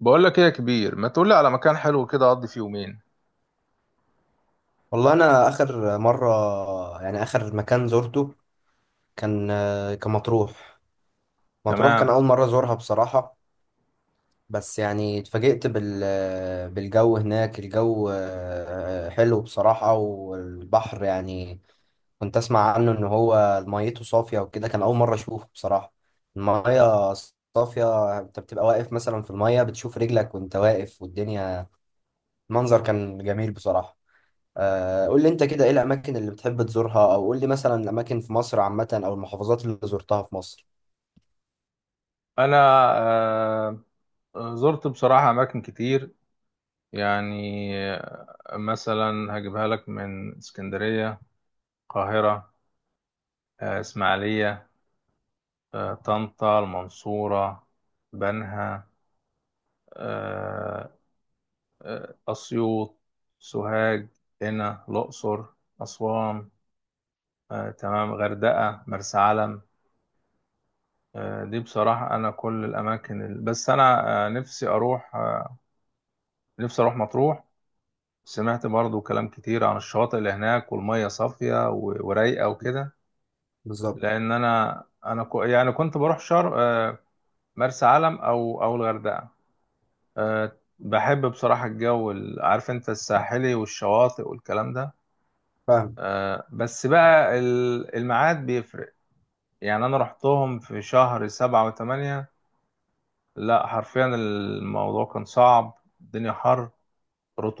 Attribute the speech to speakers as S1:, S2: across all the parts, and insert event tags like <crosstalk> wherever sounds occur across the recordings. S1: بقول لك ايه يا كبير، ما تقول لي على مكان حلو كده اقضي فيه يومين؟
S2: والله انا اخر مره. يعني اخر مكان زرته كان كان مطروح. مطروح كان اول
S1: تمام.
S2: مره ازورها بصراحه. بس يعني اتفاجئت بالجو هناك. الجو حلو بصراحه، والبحر يعني كنت اسمع عنه ان هو ميته صافيه وكده. كان اول مره اشوفه بصراحه. الميه صافيه، انت بتبقى واقف مثلا في الميه بتشوف رجلك وانت واقف والدنيا. منظر كان جميل بصراحه. قول لي انت كده، ايه الاماكن اللي بتحب تزورها، او قول لي مثلا الاماكن في مصر عامه، او المحافظات اللي زرتها في مصر؟
S1: انا آه زرت بصراحة اماكن كتير. يعني مثلا هجيبها لك من اسكندرية، القاهرة، اسماعيلية، طنطا، المنصورة، بنها، آه اسيوط، سوهاج، هنا الاقصر، اسوان، تمام، غردقة، مرسى علم. دي بصراحة أنا كل الأماكن بس أنا آه، نفسي أروح آه، نفسي اروح مطروح. سمعت برضو كلام كتير عن الشواطئ اللي هناك، والمية صافية ورايقة وكده.
S2: بالظبط.
S1: لان انا يعني كنت بروح شر آه، مرسى علم او الغردقة. آه، بحب بصراحة الجو عارف انت الساحلي والشواطئ والكلام ده.
S2: فاهم.
S1: بس بقى الميعاد بيفرق. يعني انا رحتهم في شهر سبعة وثمانية. لا، حرفيا الموضوع كان صعب. الدنيا حر،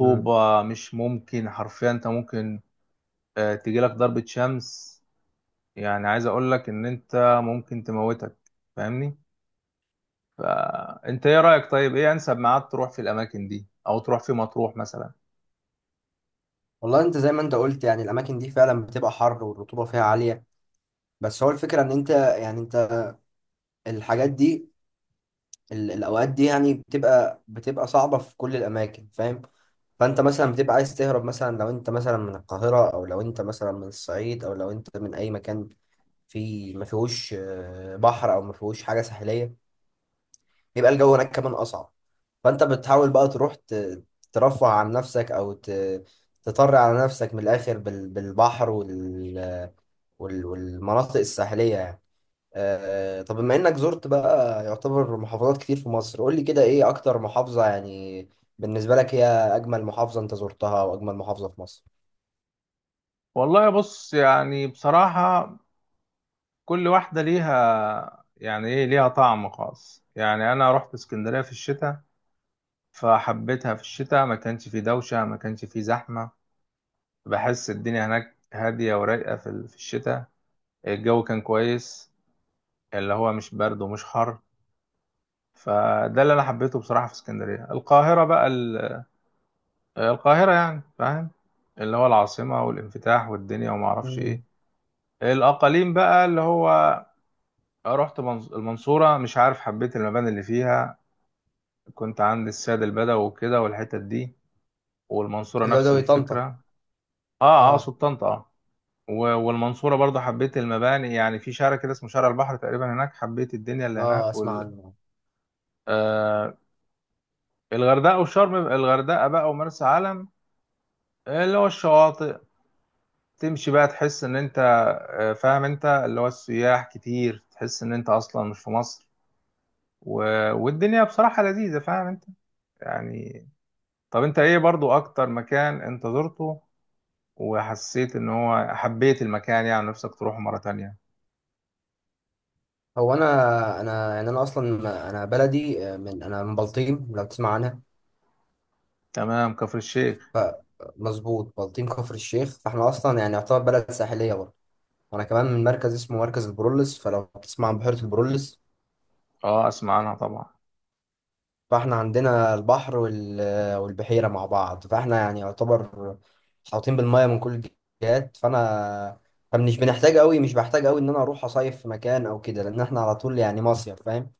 S2: مم.
S1: مش ممكن، حرفيا انت ممكن تجيلك ضربة شمس. يعني عايز اقول لك ان انت ممكن تموتك، فاهمني. فانت ايه رأيك؟ طيب ايه انسب ميعاد تروح في الاماكن دي، او تروح في مطروح مثلا؟
S2: والله انت زي ما انت قلت يعني الاماكن دي فعلا بتبقى حر والرطوبه فيها عاليه. بس هو الفكره ان انت يعني انت الحاجات دي، الاوقات دي يعني بتبقى صعبه في كل الاماكن، فاهم. فانت مثلا بتبقى عايز تهرب، مثلا لو انت مثلا من القاهره، او لو انت مثلا من الصعيد، او لو انت من اي مكان في ما فيهوش بحر، او ما فيهوش حاجه ساحليه، بيبقى الجو هناك كمان اصعب. فانت بتحاول بقى تروح ترفه عن نفسك، او تطر على نفسك من الاخر بالبحر والمناطق الساحليه يعني. طب بما انك زرت بقى يعتبر محافظات كتير في مصر، قول لي كده، ايه اكتر محافظه يعني بالنسبه لك هي اجمل محافظه انت زرتها واجمل محافظه في مصر؟
S1: والله بص، يعني بصراحة كل واحدة ليها، يعني ايه، ليها طعم خاص. يعني انا رحت اسكندرية في الشتاء، فحبيتها في الشتاء، ما كانش في دوشة، ما كانش في زحمة. بحس الدنيا هناك هادية ورايقة في الشتاء. الجو كان كويس، اللي هو مش برد ومش حر. فده اللي انا حبيته بصراحه في اسكندريه. القاهره بقى القاهره يعني، فاهم، اللي هو العاصمه والانفتاح والدنيا وما اعرفش ايه.
S2: مم.
S1: الاقاليم بقى، اللي هو رحت المنصوره، مش عارف، حبيت المباني اللي فيها. كنت عند السيد البدوي وكده والحتت دي، والمنصوره نفس
S2: العدوي،
S1: الفكره.
S2: طنطا.
S1: اه اه،
S2: اه.
S1: سلطنت، اه. والمنصوره برضو حبيت المباني، يعني في شارع كده اسمه شارع البحر تقريبا، هناك حبيت الدنيا اللي
S2: اه،
S1: هناك
S2: اسمع عنه.
S1: آه الغردقه والشرم، الغردقه بقى ومرسى علم، اللي هو الشواطئ. تمشي بقى تحس ان انت، فاهم انت، اللي هو السياح كتير، تحس ان انت اصلا مش في مصر. و... والدنيا بصراحة لذيذة، فاهم انت، يعني. طب انت ايه برضو اكتر مكان انت زرته وحسيت ان هو حبيت المكان، يعني نفسك تروحه مرة تانية؟
S2: هو انا يعني انا اصلا انا بلدي، من انا من بلطيم لو تسمع عنها.
S1: تمام، كفر الشيخ.
S2: ف مظبوط، بلطيم كفر الشيخ. فاحنا اصلا يعني يعتبر بلد ساحليه برضه. وانا كمان من مركز اسمه مركز البرولس، فلو بتسمع عن بحيره البرولس،
S1: اه، اسمع عنها طبعا.
S2: فاحنا عندنا البحر وال... والبحيره مع بعض. فاحنا يعني يعتبر محاوطين بالميه من كل الجهات. فمش بنحتاج قوي، مش بحتاج قوي ان انا اروح اصيف في مكان او كده، لان احنا على طول يعني مصيف، فاهم.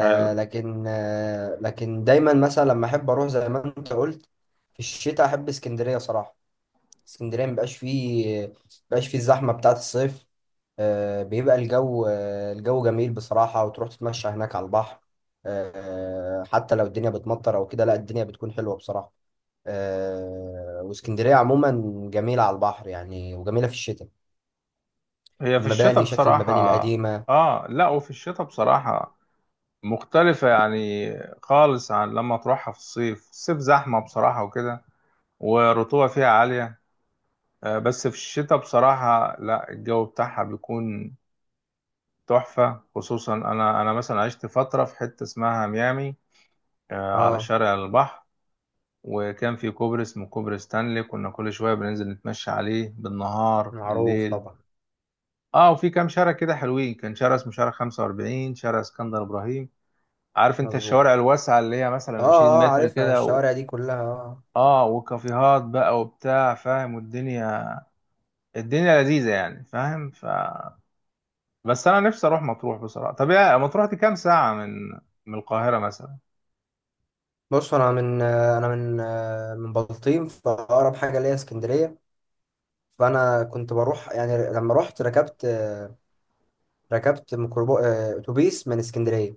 S1: حلو.
S2: لكن آه لكن دايما مثلا لما احب اروح زي ما انت قلت في الشتاء احب اسكندريه صراحه. اسكندريه مبقاش فيه الزحمه بتاعه الصيف. بيبقى الجو، الجو جميل بصراحه، وتروح تتمشى هناك على البحر. حتى لو الدنيا بتمطر او كده، لا الدنيا بتكون حلوه بصراحه. واسكندريه عموما جميله على البحر يعني، وجميله في الشتاء.
S1: هي في الشتاء
S2: المباني، شكل
S1: بصراحة،
S2: المباني القديمه.
S1: اه لا، وفي الشتاء بصراحة مختلفة يعني خالص، عن لما تروحها في الصيف. الصيف زحمة بصراحة وكده، والرطوبة فيها عالية. بس في الشتاء بصراحة لا، الجو بتاعها بيكون تحفة. خصوصا أنا مثلا عشت فترة في حتة اسمها ميامي، على
S2: اه،
S1: شارع البحر. وكان في كوبري اسمه كوبري ستانلي، كنا كل شوية بننزل نتمشى عليه بالنهار
S2: معروف
S1: بالليل.
S2: طبعا.
S1: اه، وفي كام شارع كده حلوين، كان شارع اسمه شارع 45، شارع اسكندر إبراهيم. عارف انت
S2: مظبوط.
S1: الشوارع الواسعة اللي هي
S2: اه.
S1: مثلا 20
S2: اه،
S1: متر
S2: عارفها
S1: كده
S2: الشوارع دي كلها، اه.
S1: اه، وكافيهات بقى وبتاع، فاهم، والدنيا لذيذة يعني، فاهم. بس انا نفسي اروح مطروح بصراحه. طب يا مطروح دي كام ساعه من القاهره مثلا؟
S2: بص، انا من بلطيم، فاقرب حاجه ليا اسكندريه. فانا كنت بروح، يعني لما رحت ركبت ميكروبو آه، اتوبيس من اسكندريه.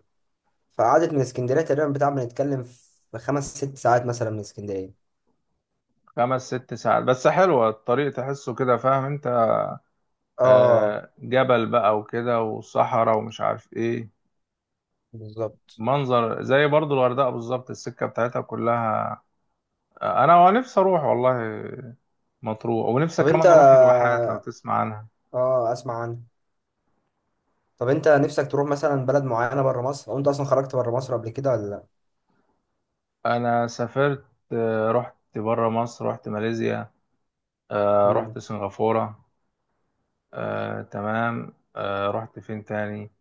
S2: فقعدت من اسكندريه تقريبا، بتاع بنتكلم في خمس ست ساعات مثلا من اسكندريه.
S1: خمس ست ساعات، بس حلوه الطريق، تحسه كده، فاهم انت.
S2: اه،
S1: جبل بقى وكده وصحراء ومش عارف ايه،
S2: بالظبط.
S1: منظر زي برضو الغردقه بالظبط، السكه بتاعتها كلها. انا نفسي اروح والله مطروح، ونفسي
S2: طب انت.
S1: كمان اروح الواحات لو تسمع عنها.
S2: اه، اسمع عنه. طب انت نفسك تروح مثلا بلد معينه بره مصر، او انت اصلا خرجت بره مصر قبل كده ولا لا؟
S1: انا سافرت، رحت بره مصر، رحت ماليزيا، رحت
S2: امم.
S1: سنغافوره، تمام، رحت فين تاني؟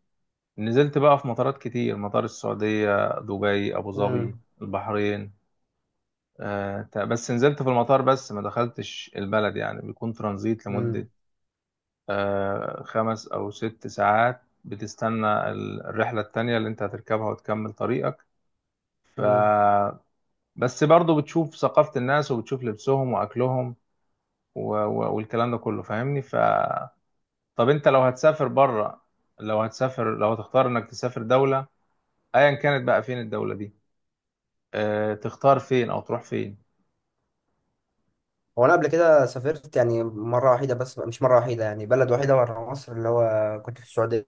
S1: نزلت بقى في مطارات كتير، مطار السعودية، دبي، أبو ظبي،
S2: امم.
S1: البحرين. بس نزلت في المطار بس، ما دخلتش البلد، يعني بيكون ترانزيت لمدة
S2: امم.
S1: 5 أو 6 ساعات، بتستنى الرحلة التانية اللي أنت هتركبها وتكمل طريقك. ف
S2: امم.
S1: بس برضه بتشوف ثقافة الناس وبتشوف لبسهم وأكلهم والكلام ده كله، فاهمني. طب أنت لو هتسافر بره لو هتسافر لو هتختار إنك تسافر دولة أيا كانت، بقى فين الدولة دي؟ تختار فين، او تروح فين؟
S2: هو انا قبل كده سافرت يعني مره وحيده، بس مش مره وحيده يعني بلد وحيده بره مصر، اللي هو كنت في السعوديه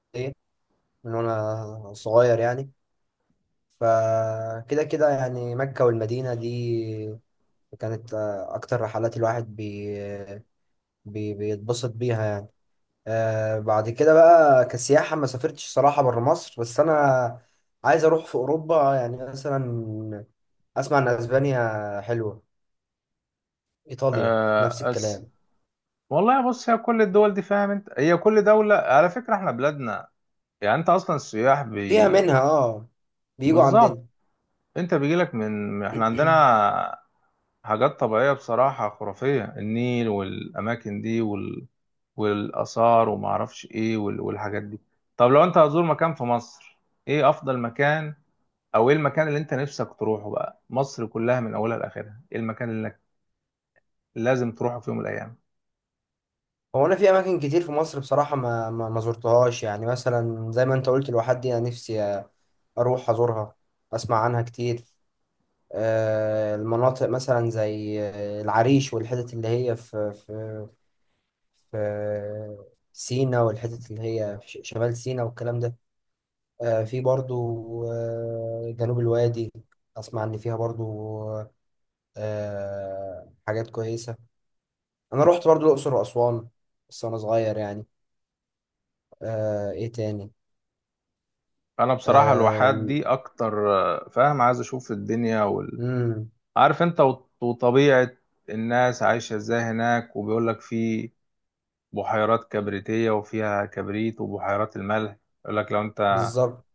S2: من وانا صغير يعني. فكده كده يعني مكة والمدينة دي كانت أكتر رحلات الواحد بي بي بيتبسط بيها يعني. بعد كده بقى كسياحة ما سافرتش صراحة برا مصر. بس أنا عايز أروح في أوروبا يعني مثلا. أسمع إن أسبانيا حلوة، إيطاليا نفس
S1: آه، أس...
S2: الكلام.
S1: والله بص، هي كل الدول دي فاهم انت، هي كل دولة على فكرة، احنا بلادنا يعني، انت اصلا السياح
S2: فيها منها آه، بيجوا
S1: بالظبط،
S2: عندنا.
S1: انت بيجيلك من احنا
S2: <clears throat>
S1: عندنا حاجات طبيعية بصراحة خرافية، النيل والاماكن دي والاثار وما اعرفش ايه والحاجات دي. طب لو انت هتزور مكان في مصر، ايه افضل مكان، او ايه المكان اللي انت نفسك تروحه؟ بقى مصر كلها من اولها لاخرها، ايه المكان اللي لازم تروحه في يوم من الايام؟
S2: هو انا في اماكن كتير في مصر بصراحه ما زرتهاش. يعني مثلا زي ما انت قلت الواحات دي انا نفسي اروح ازورها، اسمع عنها كتير. المناطق مثلا زي العريش والحتت اللي هي في سينا، والحتت اللي هي في شمال سينا والكلام ده. في برضو جنوب الوادي، اسمع ان فيها برضو حاجات كويسه. انا رحت برضو الاقصر واسوان بس وانا صغير يعني. ايه تاني؟
S1: انا بصراحه الواحات
S2: آم.
S1: دي اكتر، فاهم، عايز اشوف الدنيا
S2: مم.
S1: عارف انت، وطبيعه الناس عايشه ازاي هناك، وبيقول لك في بحيرات كبريتيه وفيها كبريت، وبحيرات الملح. يقول لك لو انت
S2: بالظبط.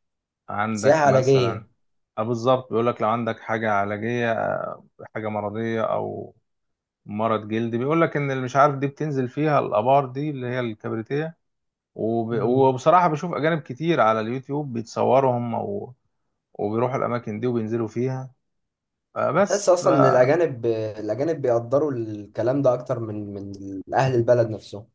S2: سياحة
S1: عندك مثلا،
S2: علاجية.
S1: اه بالظبط، بيقول لك لو عندك حاجه علاجيه، حاجه مرضيه او مرض جلدي، بيقول لك ان اللي مش عارف دي بتنزل فيها الابار دي، اللي هي الكبريتيه.
S2: مم.
S1: وبصراحة بشوف أجانب كتير على اليوتيوب بيتصوروا هم وبيروحوا الأماكن دي وبينزلوا فيها،
S2: تحس
S1: بس
S2: أصلا إن
S1: فطبعا.
S2: الأجانب بيقدروا الكلام ده أكتر من أهل البلد نفسهم.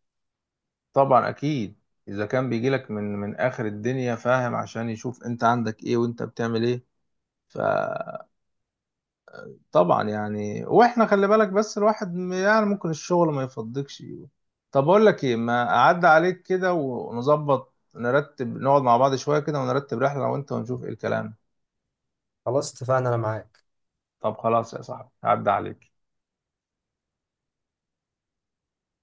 S1: أكيد، إذا كان بيجيلك من آخر الدنيا، فاهم، عشان يشوف أنت عندك إيه وأنت بتعمل إيه. فطبعا، يعني وإحنا خلي بالك، بس الواحد يعني ممكن الشغل ما يفضكش. طب أقول لك إيه، ما أعدي عليك كده ونظبط، نرتب نقعد مع بعض شوية كده، ونرتب رحلة أنا وأنت، ونشوف إيه الكلام.
S2: خلاص اتفقنا، أنا معاك.
S1: طب خلاص يا صاحبي، هعدي عليك.